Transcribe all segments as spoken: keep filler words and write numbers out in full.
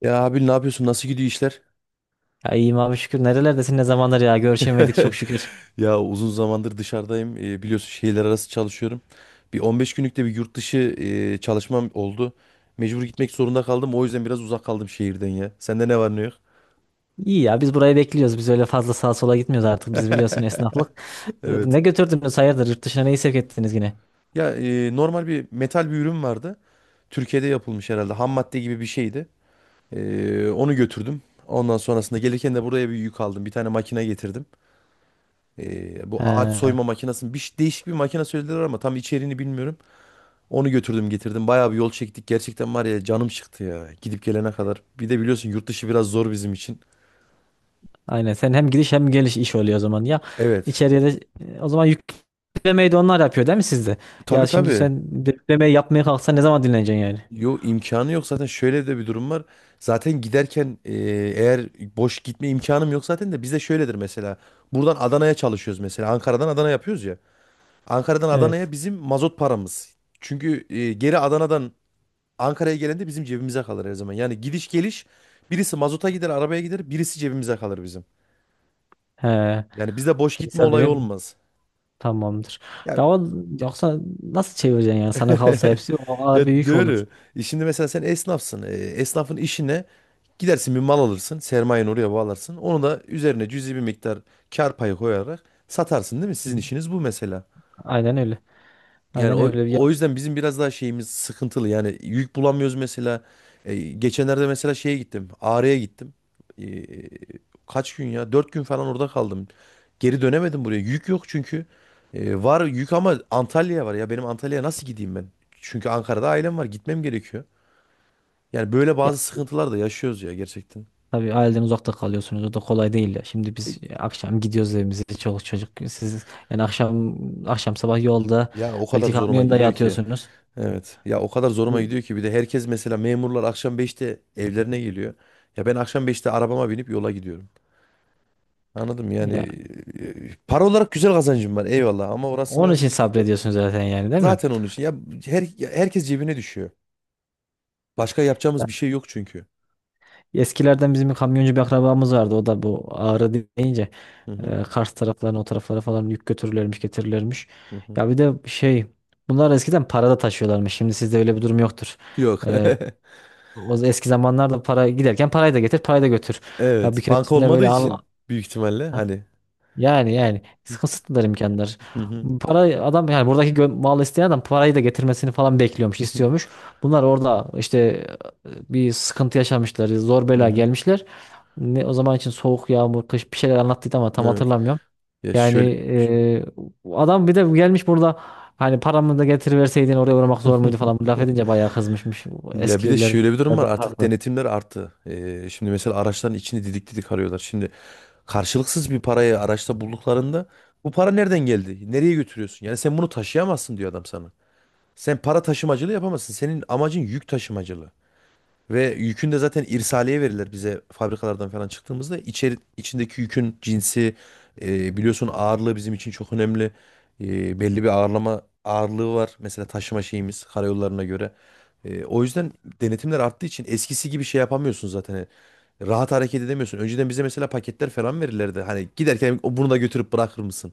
Ya abi ne yapıyorsun? Nasıl gidiyor işler? Ya iyiyim abi şükür. Nerelerdesin ne zamanlar ya görüşemedik çok şükür. Ya uzun zamandır dışarıdayım. Ee, biliyorsun şehirler arası çalışıyorum. Bir on beş günlük de bir yurt dışı e, çalışmam oldu. Mecbur gitmek zorunda kaldım. O yüzden biraz uzak kaldım şehirden ya. Sende ne var ne yok? İyi ya biz burayı bekliyoruz. Biz öyle fazla sağa sola gitmiyoruz artık. Biz biliyorsun esnaflık. Ee, Evet. Ne götürdünüz hayırdır yurt dışına neyi sevk ettiniz yine? Ya e, normal bir metal bir ürün vardı. Türkiye'de yapılmış herhalde. Ham madde gibi bir şeydi. E, onu götürdüm. Ondan sonrasında gelirken de buraya bir yük aldım. Bir tane makine getirdim. E, bu ağaç He, soyma makinesi. Bir, ş- değişik bir makine söylediler ama tam içeriğini bilmiyorum. Onu götürdüm getirdim. Bayağı bir yol çektik. Gerçekten var ya canım çıktı ya. Gidip gelene kadar. Bir de biliyorsun yurt dışı biraz zor bizim için. aynen sen hem gidiş hem geliş iş oluyor o zaman. Ya Evet. içeriye de e, o zaman yüklemeyi de onlar yapıyor değil mi sizde? Tabii Ya şimdi tabii. sen yüklemeyi yapmaya kalksan ne zaman dinleneceksin yani? Yo, imkanı yok zaten, şöyle de bir durum var. Zaten giderken e, eğer boş gitme imkanım yok zaten de bizde şöyledir mesela. Buradan Adana'ya çalışıyoruz mesela. Ankara'dan Adana yapıyoruz ya. Ankara'dan Adana'ya Evet. bizim mazot paramız. Çünkü e, geri Adana'dan Ankara'ya gelen de bizim cebimize kalır her zaman. Yani gidiş geliş birisi mazota gider, arabaya gider, birisi cebimize kalır bizim. He, Yani bize boş gitme insan olayı bilir mi? olmaz. Tamamdır. Ya. Ya o, Yoksa nasıl çevireceksin yani? Sana kalsa hepsi o ağır bir Ya yük olur. doğru. E Şimdi mesela sen esnafsın. E, esnafın işine gidersin, bir mal alırsın. Sermayeni oraya bağlarsın. Onu da üzerine cüzi bir miktar kar payı koyarak satarsın değil mi? Hı Sizin hı. işiniz bu mesela. Aynen öyle. Yani Aynen o, öyle. Ya, o yüzden bizim biraz daha şeyimiz sıkıntılı. Yani yük bulamıyoruz mesela. E, geçenlerde mesela şeye gittim. Ağrı'ya gittim. E, Kaç gün ya? Dört gün falan orada kaldım. Geri dönemedim buraya. Yük yok çünkü. E, var yük ama Antalya'ya var. Ya benim Antalya'ya nasıl gideyim ben? Çünkü Ankara'da ailem var. Gitmem gerekiyor. Yani böyle ya bazı siz sıkıntılar da yaşıyoruz ya gerçekten. tabii aileden uzakta kalıyorsunuz. O da kolay değil ya. Şimdi E, biz akşam gidiyoruz evimize. Çoluk çocuk. Siz yani akşam akşam sabah yolda Ya o kadar belki zoruma kamyonda gidiyor ki. yatıyorsunuz. Evet. Ya o kadar zoruma E, gidiyor ki, bir de herkes mesela memurlar akşam beşte evlerine geliyor. Ya ben akşam beşte arabama binip yola gidiyorum. Anladım yani ya e, para olarak güzel kazancım var, eyvallah, ama onun orasını için sabrediyorsunuz zaten yani değil mi? zaten onun için, ya her, ya herkes cebine düşüyor. Başka yapacağımız Ya, bir şey yok çünkü. eskilerden bizim bir kamyoncu bir akrabamız vardı. O da bu Ağrı deyince Hı hı, e, Kars taraflarına o taraflara falan yük götürürlermiş getirirlermiş. hı hı. Ya bir de şey bunlar eskiden parada taşıyorlarmış. Şimdi sizde öyle bir durum yoktur. Yok. E, O eski zamanlarda para giderken parayı da getir, parayı da götür. Ya bir Evet, banka keresinde olmadığı böyle al için büyük ihtimalle hani. yani yani Hı kısıtlılar imkanlar. hı, Para adam yani buradaki gö- mal isteyen adam parayı da getirmesini falan bekliyormuş, hı hı, istiyormuş. Bunlar orada işte e, bir sıkıntı yaşamışlar, zor hı bela hı. gelmişler. Ne o zaman için soğuk, yağmur, kış bir şeyler anlattıydı ama tam Evet. hatırlamıyorum. Ya Yani şöyle. e, adam bir de gelmiş burada hani paramı da getiriverseydin oraya uğramak zor muydu falan laf edince bayağı kızmışmış. Ya bir de Eskiler şöyle bir durum biraz var, daha artık haklı. denetimler arttı. Ee, şimdi mesela araçların içini didik didik arıyorlar. Şimdi karşılıksız bir parayı araçta bulduklarında bu para nereden geldi? Nereye götürüyorsun? Yani sen bunu taşıyamazsın diyor adam sana. Sen para taşımacılığı yapamazsın. Senin amacın yük taşımacılığı. Ve yükün de zaten irsaliye verirler bize fabrikalardan falan çıktığımızda. İçeri, içindeki yükün cinsi e, biliyorsun ağırlığı bizim için çok önemli. E, belli bir ağırlama ağırlığı var. Mesela taşıma şeyimiz karayollarına göre. E, o yüzden denetimler arttığı için eskisi gibi şey yapamıyorsun zaten. Hani rahat hareket edemiyorsun. Önceden bize mesela paketler falan verirlerdi. Hani giderken, "O, bunu da götürüp bırakır mısın?"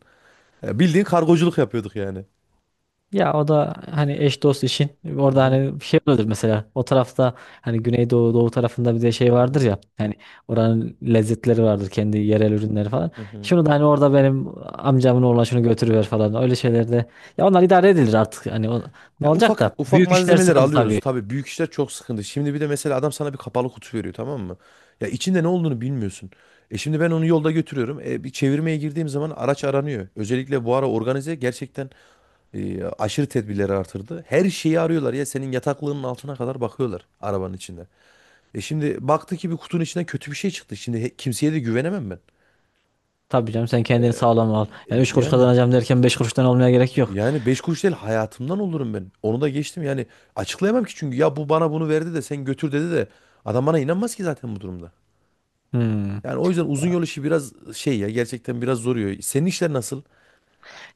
Ya bildiğin kargoculuk yapıyorduk yani. Ya o da hani eş dost işin Hı orada hı, hani bir şey oluyordur mesela o tarafta hani Güneydoğu Doğu tarafında bir de şey hı vardır hı, ya hani oranın lezzetleri vardır kendi yerel ürünleri falan. hı hı. Şunu da hani orada benim amcamın oğlan şunu götürüver falan öyle şeylerde ya onlar idare edilir artık hani o, ne Ya olacak ufak da ufak büyük işler malzemeleri sıkıntı alıyoruz. tabii. Tabii büyük işler çok sıkıntı. Şimdi bir de mesela adam sana bir kapalı kutu veriyor, tamam mı? Ya içinde ne olduğunu bilmiyorsun. E şimdi ben onu yolda götürüyorum. E bir çevirmeye girdiğim zaman araç aranıyor. Özellikle bu ara organize gerçekten e, aşırı tedbirleri artırdı. Her şeyi arıyorlar ya, senin yataklığının altına kadar bakıyorlar arabanın içinde. E şimdi baktı ki bir kutunun içinden kötü bir şey çıktı. Şimdi he- kimseye de güvenemem ben. Tabii canım sen kendini sağlam al. E Yani üç kuruş Yani kazanacağım derken beş kuruştan olmaya gerek yok. Yani beş kuruş değil, hayatımdan olurum ben. Onu da geçtim yani, açıklayamam ki, çünkü ya bu bana bunu verdi de sen götür dedi de adam bana inanmaz ki zaten bu durumda. Hmm. Yani o yüzden uzun yol işi biraz şey ya, gerçekten biraz zoruyor. Senin işler nasıl?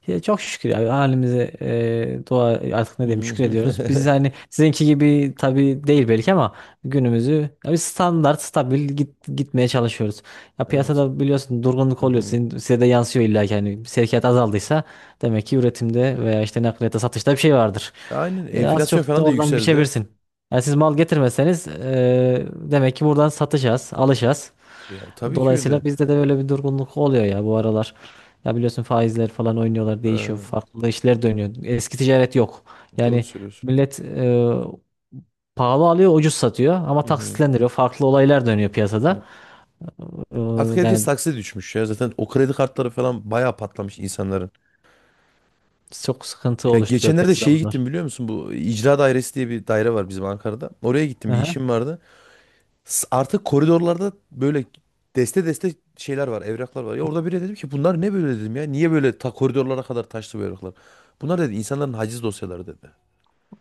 Ya çok şükür abi halimize e, dua artık ne Hı diyeyim hı. şükrediyoruz. Biz hani sizinki gibi tabii değil belki ama günümüzü ya biz standart stabil git, gitmeye çalışıyoruz. Ya Evet. piyasada biliyorsun durgunluk Hı oluyor. hı. Sizin, size de yansıyor illa ki hani sevkiyat azaldıysa demek ki üretimde veya işte nakliyata satışta bir şey vardır. Aynen, E, az enflasyon çok da falan da oradan yükseldi. biçebilirsin. Yani siz mal getirmeseniz e, demek ki buradan satacağız, alacağız. Ya tabii ki Dolayısıyla öyle. bizde de böyle bir durgunluk oluyor ya bu aralar. Ya biliyorsun faizler falan oynuyorlar, değişiyor, Ha, farklı işler dönüyor. Eski ticaret yok. doğru Yani söylüyorsun. millet e, pahalı alıyor, ucuz satıyor ama Hı hı. taksitlendiriyor. Farklı olaylar dönüyor Hı. piyasada. E, Artık herkes Yani taksiye düşmüş ya. Zaten o kredi kartları falan bayağı patlamış insanların. çok sıkıntı Ya oluşturuyor geçenlerde piyasada şeye gittim, bunlar. biliyor musun? Bu icra dairesi diye bir daire var bizim Ankara'da. Oraya gittim, bir Aha, işim vardı. S- Artık koridorlarda böyle deste deste şeyler var, evraklar var. Ya orada biri, dedim ki bunlar ne böyle dedim ya. Niye böyle ta koridorlara kadar taşlı bu evraklar? Bunlar dedi insanların haciz dosyaları dedi.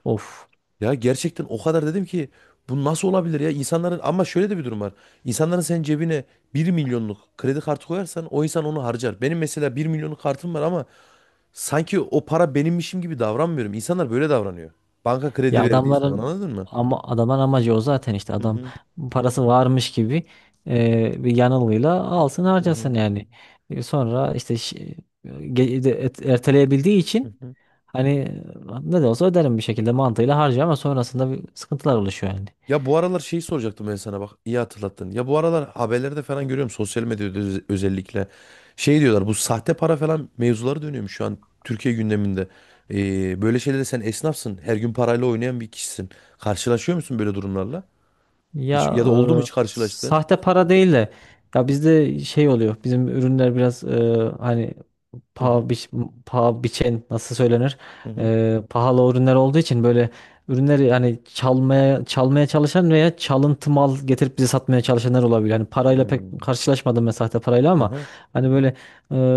of. Ya gerçekten o kadar dedim ki bu nasıl olabilir ya insanların? Ama şöyle de bir durum var. İnsanların senin cebine bir milyonluk kredi kartı koyarsan o insan onu harcar. Benim mesela bir milyonluk kartım var ama sanki o para benimmişim gibi davranmıyorum. İnsanlar böyle davranıyor. Banka kredi Ya verdiği zaman adamların anladın mı? ama adamın amacı o zaten işte Hı adam hı. parası varmış gibi e, bir yanılgıyla alsın Hı hı, harcasın yani. E, sonra işte şi- ge- de- et- erteleyebildiği hı için hı. hani e, ne de olsa öderim bir şekilde mantığıyla harcıyor ama sonrasında bir sıkıntılar oluşuyor yani. Ya bu aralar şeyi soracaktım ben sana, bak iyi hatırlattın. Ya bu aralar haberlerde falan görüyorum, sosyal medyada öz- özellikle. Şey diyorlar, bu sahte para falan mevzuları dönüyormuş şu an Türkiye gündeminde. Ee, böyle şeylere, sen esnafsın, her gün parayla oynayan bir kişisin. Karşılaşıyor musun böyle durumlarla? Ya Hiç, ya da oldu mu e, hiç karşılaştığın? sahte para değil de ya bizde şey oluyor. Bizim ürünler biraz e, hani Hı paha, hı, biç, paha biçen nasıl söylenir? hı hı. Ee, pahalı ürünler olduğu için böyle ürünleri hani çalmaya çalmaya çalışan veya çalıntı mal getirip bize satmaya çalışanlar olabilir. Hani parayla pek Hmm, karşılaşmadım ben sahte parayla hı ama hı. hani böyle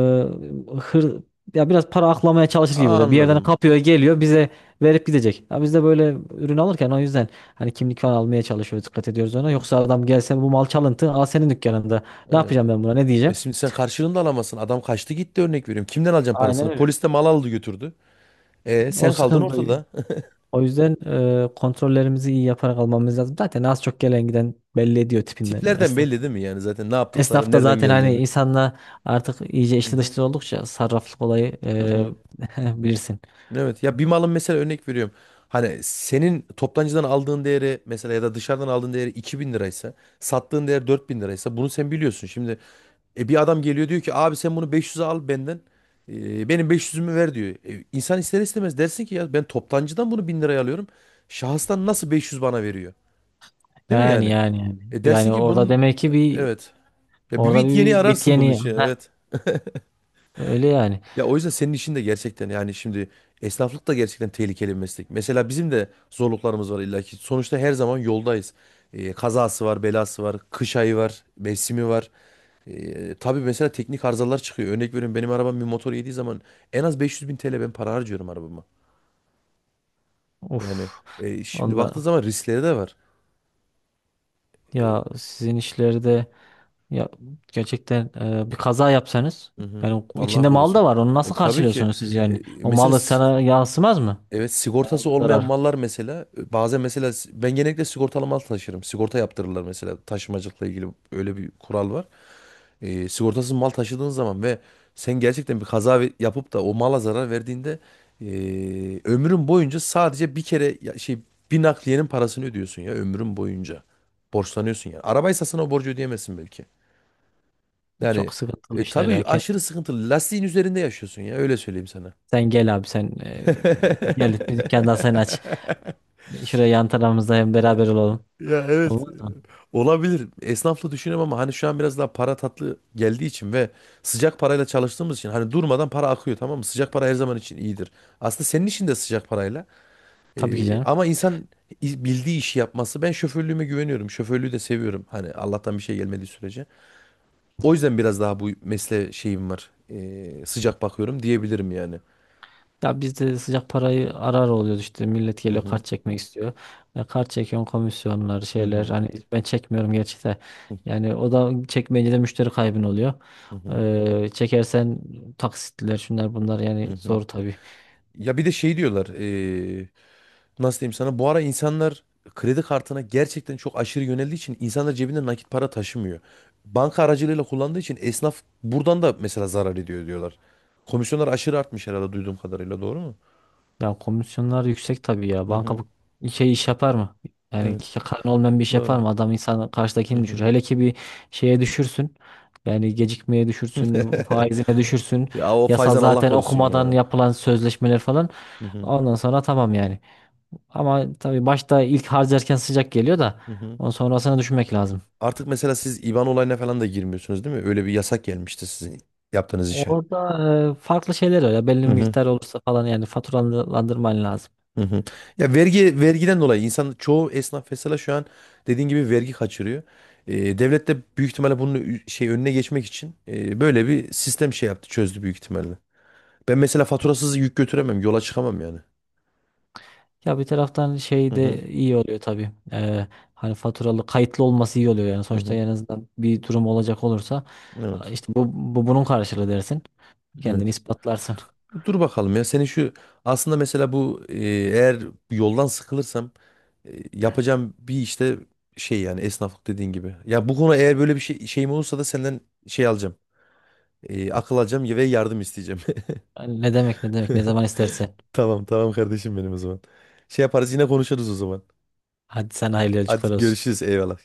e, hır ya biraz para aklamaya çalışır gibi böyle bir yerden Anladım. kapıyor geliyor bize verip gidecek. Ya biz de böyle ürün alırken o yüzden hani kimlik falan almaya çalışıyoruz dikkat ediyoruz ona. Yoksa adam gelse bu mal çalıntı aa senin dükkanında ne Evet. yapacağım ben buna ne E diyeceğim? şimdi sen karşılığını da alamazsın. Adam kaçtı gitti, örnek veriyorum. Kimden alacaksın Aynen parasını? öyle. Polis de mal aldı götürdü. E O sen kaldın sıkıntı. ortada. O yüzden e, kontrollerimizi iyi yaparak almamız lazım. Zaten az çok gelen giden belli ediyor tipinden ya Tiplerden esnaf. belli değil mi yani zaten ne Esnaf yaptıkları, da nereden zaten hani geldiğini. insanla artık iyice Hı içli hı, dışlı oldukça sarraflık olayı hı hı. e, bilirsin. Evet ya, bir malın mesela, örnek veriyorum. Hani senin toptancıdan aldığın değeri mesela, ya da dışarıdan aldığın değeri iki bin liraysa, sattığın değer dört bin liraysa, bunu sen biliyorsun. Şimdi e, bir adam geliyor diyor ki abi sen bunu beş yüze al benden, e, benim beş yüzümü ver diyor. E, insan ister istemez dersin ki ya ben toptancıdan bunu bin liraya alıyorum. Şahıstan nasıl beş yüz bana veriyor? Değil mi Yani yani? Yani yani. E dersin Yani ki orada bunun, demek ki bir evet. Ya bir orada bit bir, yeni bir bit ararsın bunun yeni. için, Heh, evet. öyle yani. Ya o yüzden senin işin de gerçekten, yani şimdi esnaflık da gerçekten tehlikeli bir meslek. Mesela bizim de zorluklarımız var illaki. Sonuçta her zaman yoldayız. Ee, kazası var, belası var, kış ayı var, mevsimi var. Ee, tabii mesela teknik arızalar çıkıyor. Örnek veriyorum, benim arabam bir motor yediği zaman en az beş yüz bin T L ben para harcıyorum arabama. Yani Uf. e, şimdi baktığın Onda zaman riskleri de var. ya sizin işlerde ya gerçekten e, bir kaza yapsanız Hı hı. yani Allah içinde mal da korusun. var. Onu E, nasıl Tabii ki. karşılıyorsunuz siz E, yani? O mesela malı sana yansımaz mı? Evet, Bayağı sigortası bir olmayan zarar. mallar mesela e, bazen mesela s- ben genellikle sigortalı mal taşırım. Sigorta yaptırırlar mesela, taşımacılıkla ilgili öyle bir kural var. E, sigortasız mal taşıdığın zaman ve sen gerçekten bir kaza ve- yapıp da o mala zarar verdiğinde e, ömrün boyunca sadece bir kere ya- şey bir nakliyenin parasını ödüyorsun ya ömrün boyunca. Borçlanıyorsun yani. Arabaysa sana o borcu ödeyemezsin belki. Yani Çok sıkıntılı e, işler tabii ya. Kend- aşırı sıkıntılı. Lastiğin üzerinde yaşıyorsun ya, öyle söyleyeyim sana. Sen gel abi sen e, gel bir dükkandan sen aç. Şuraya yan tarafımızda hem beraber olalım. Ya evet. Olmaz mı? Olabilir. Esnaflı düşünüyorum ama hani şu an biraz daha para tatlı geldiği için ve sıcak parayla çalıştığımız için hani durmadan para akıyor, tamam mı? Sıcak para her zaman için iyidir. Aslında senin için de sıcak parayla. Tabii ki Ee, canım. Ama insan i- bildiği işi yapması. Ben şoförlüğüme güveniyorum. Şoförlüğü de seviyorum. Hani Allah'tan bir şey gelmediği sürece. O yüzden biraz daha bu mesleğe şeyim var. Ee, sıcak bakıyorum diyebilirim yani. Ya bizde de sıcak parayı arar oluyoruz işte millet Hı geliyor hı. kart çekmek istiyor. E, kart çekiyorsun komisyonlar Hı şeyler hı. hani ben çekmiyorum gerçi de yani o da çekmeyince de müşteri kaybın oluyor. Hı hı. Ee, çekersen taksitler şunlar bunlar Hı yani hı. zor tabii. Ya bir de şey diyorlar. Ee, nasıl diyeyim sana, bu ara insanlar kredi kartına gerçekten çok aşırı yöneldiği için insanlar cebinde nakit para taşımıyor. Banka aracılığıyla kullandığı için esnaf buradan da mesela zarar ediyor diyorlar. Komisyonlar aşırı artmış herhalde duyduğum kadarıyla, doğru mu? Ya komisyonlar yüksek tabii ya. Hı Banka hı. bu şey iş yapar mı? Yani Evet. ki- karın olmayan bir iş yapar Doğru. mı? Adam insan Hı karşıdakini düşür. hı. Hele ki bir şeye düşürsün. Yani gecikmeye düşürsün, faizine düşürsün. Ya o Yasal faizden Allah zaten korusun okumadan ya. yapılan sözleşmeler falan. Hı hı. Ondan sonra tamam yani. Ama tabii başta ilk harcarken sıcak geliyor da Hı hı. ondan sonrasını düşünmek lazım. Artık mesela siz IBAN olayına falan da girmiyorsunuz değil mi? Öyle bir yasak gelmişti sizin yaptığınız işe. Orada e, farklı şeyler var ya belli bir Hı hı. miktar olursa falan yani faturalandırman lazım. Hı hı. Ya vergi vergiden dolayı insan çoğu esnaf mesela şu an dediğin gibi vergi kaçırıyor. Ee, devlet de büyük ihtimalle bunun ü- şey önüne geçmek için e, böyle bir sistem şey yaptı çözdü büyük ihtimalle. Ben mesela faturasız yük götüremem, yola çıkamam yani. Ya bir taraftan Hı şey hı, de iyi oluyor tabii. Ee, hani faturalı kayıtlı olması iyi oluyor yani. hı Sonuçta hı. en azından bir durum olacak olursa Evet. işte bu, bu bunun karşılığı dersin. Kendini Evet. ispatlarsın. Dur bakalım ya senin şu, aslında mesela bu e, eğer yoldan sıkılırsam e, yapacağım bir işte şey yani esnaflık dediğin gibi. Ya bu konu, eğer böyle bir şey şeyim olursa, da senden şey alacağım. E, akıl alacağım ve yardım isteyeceğim. Yani ne demek ne demek ne zaman istersen. Tamam tamam kardeşim benim o zaman. Şey yaparız, yine konuşuruz o zaman. Hadi sen hayırlı yolculuklar Hadi olsun. görüşürüz, eyvallah.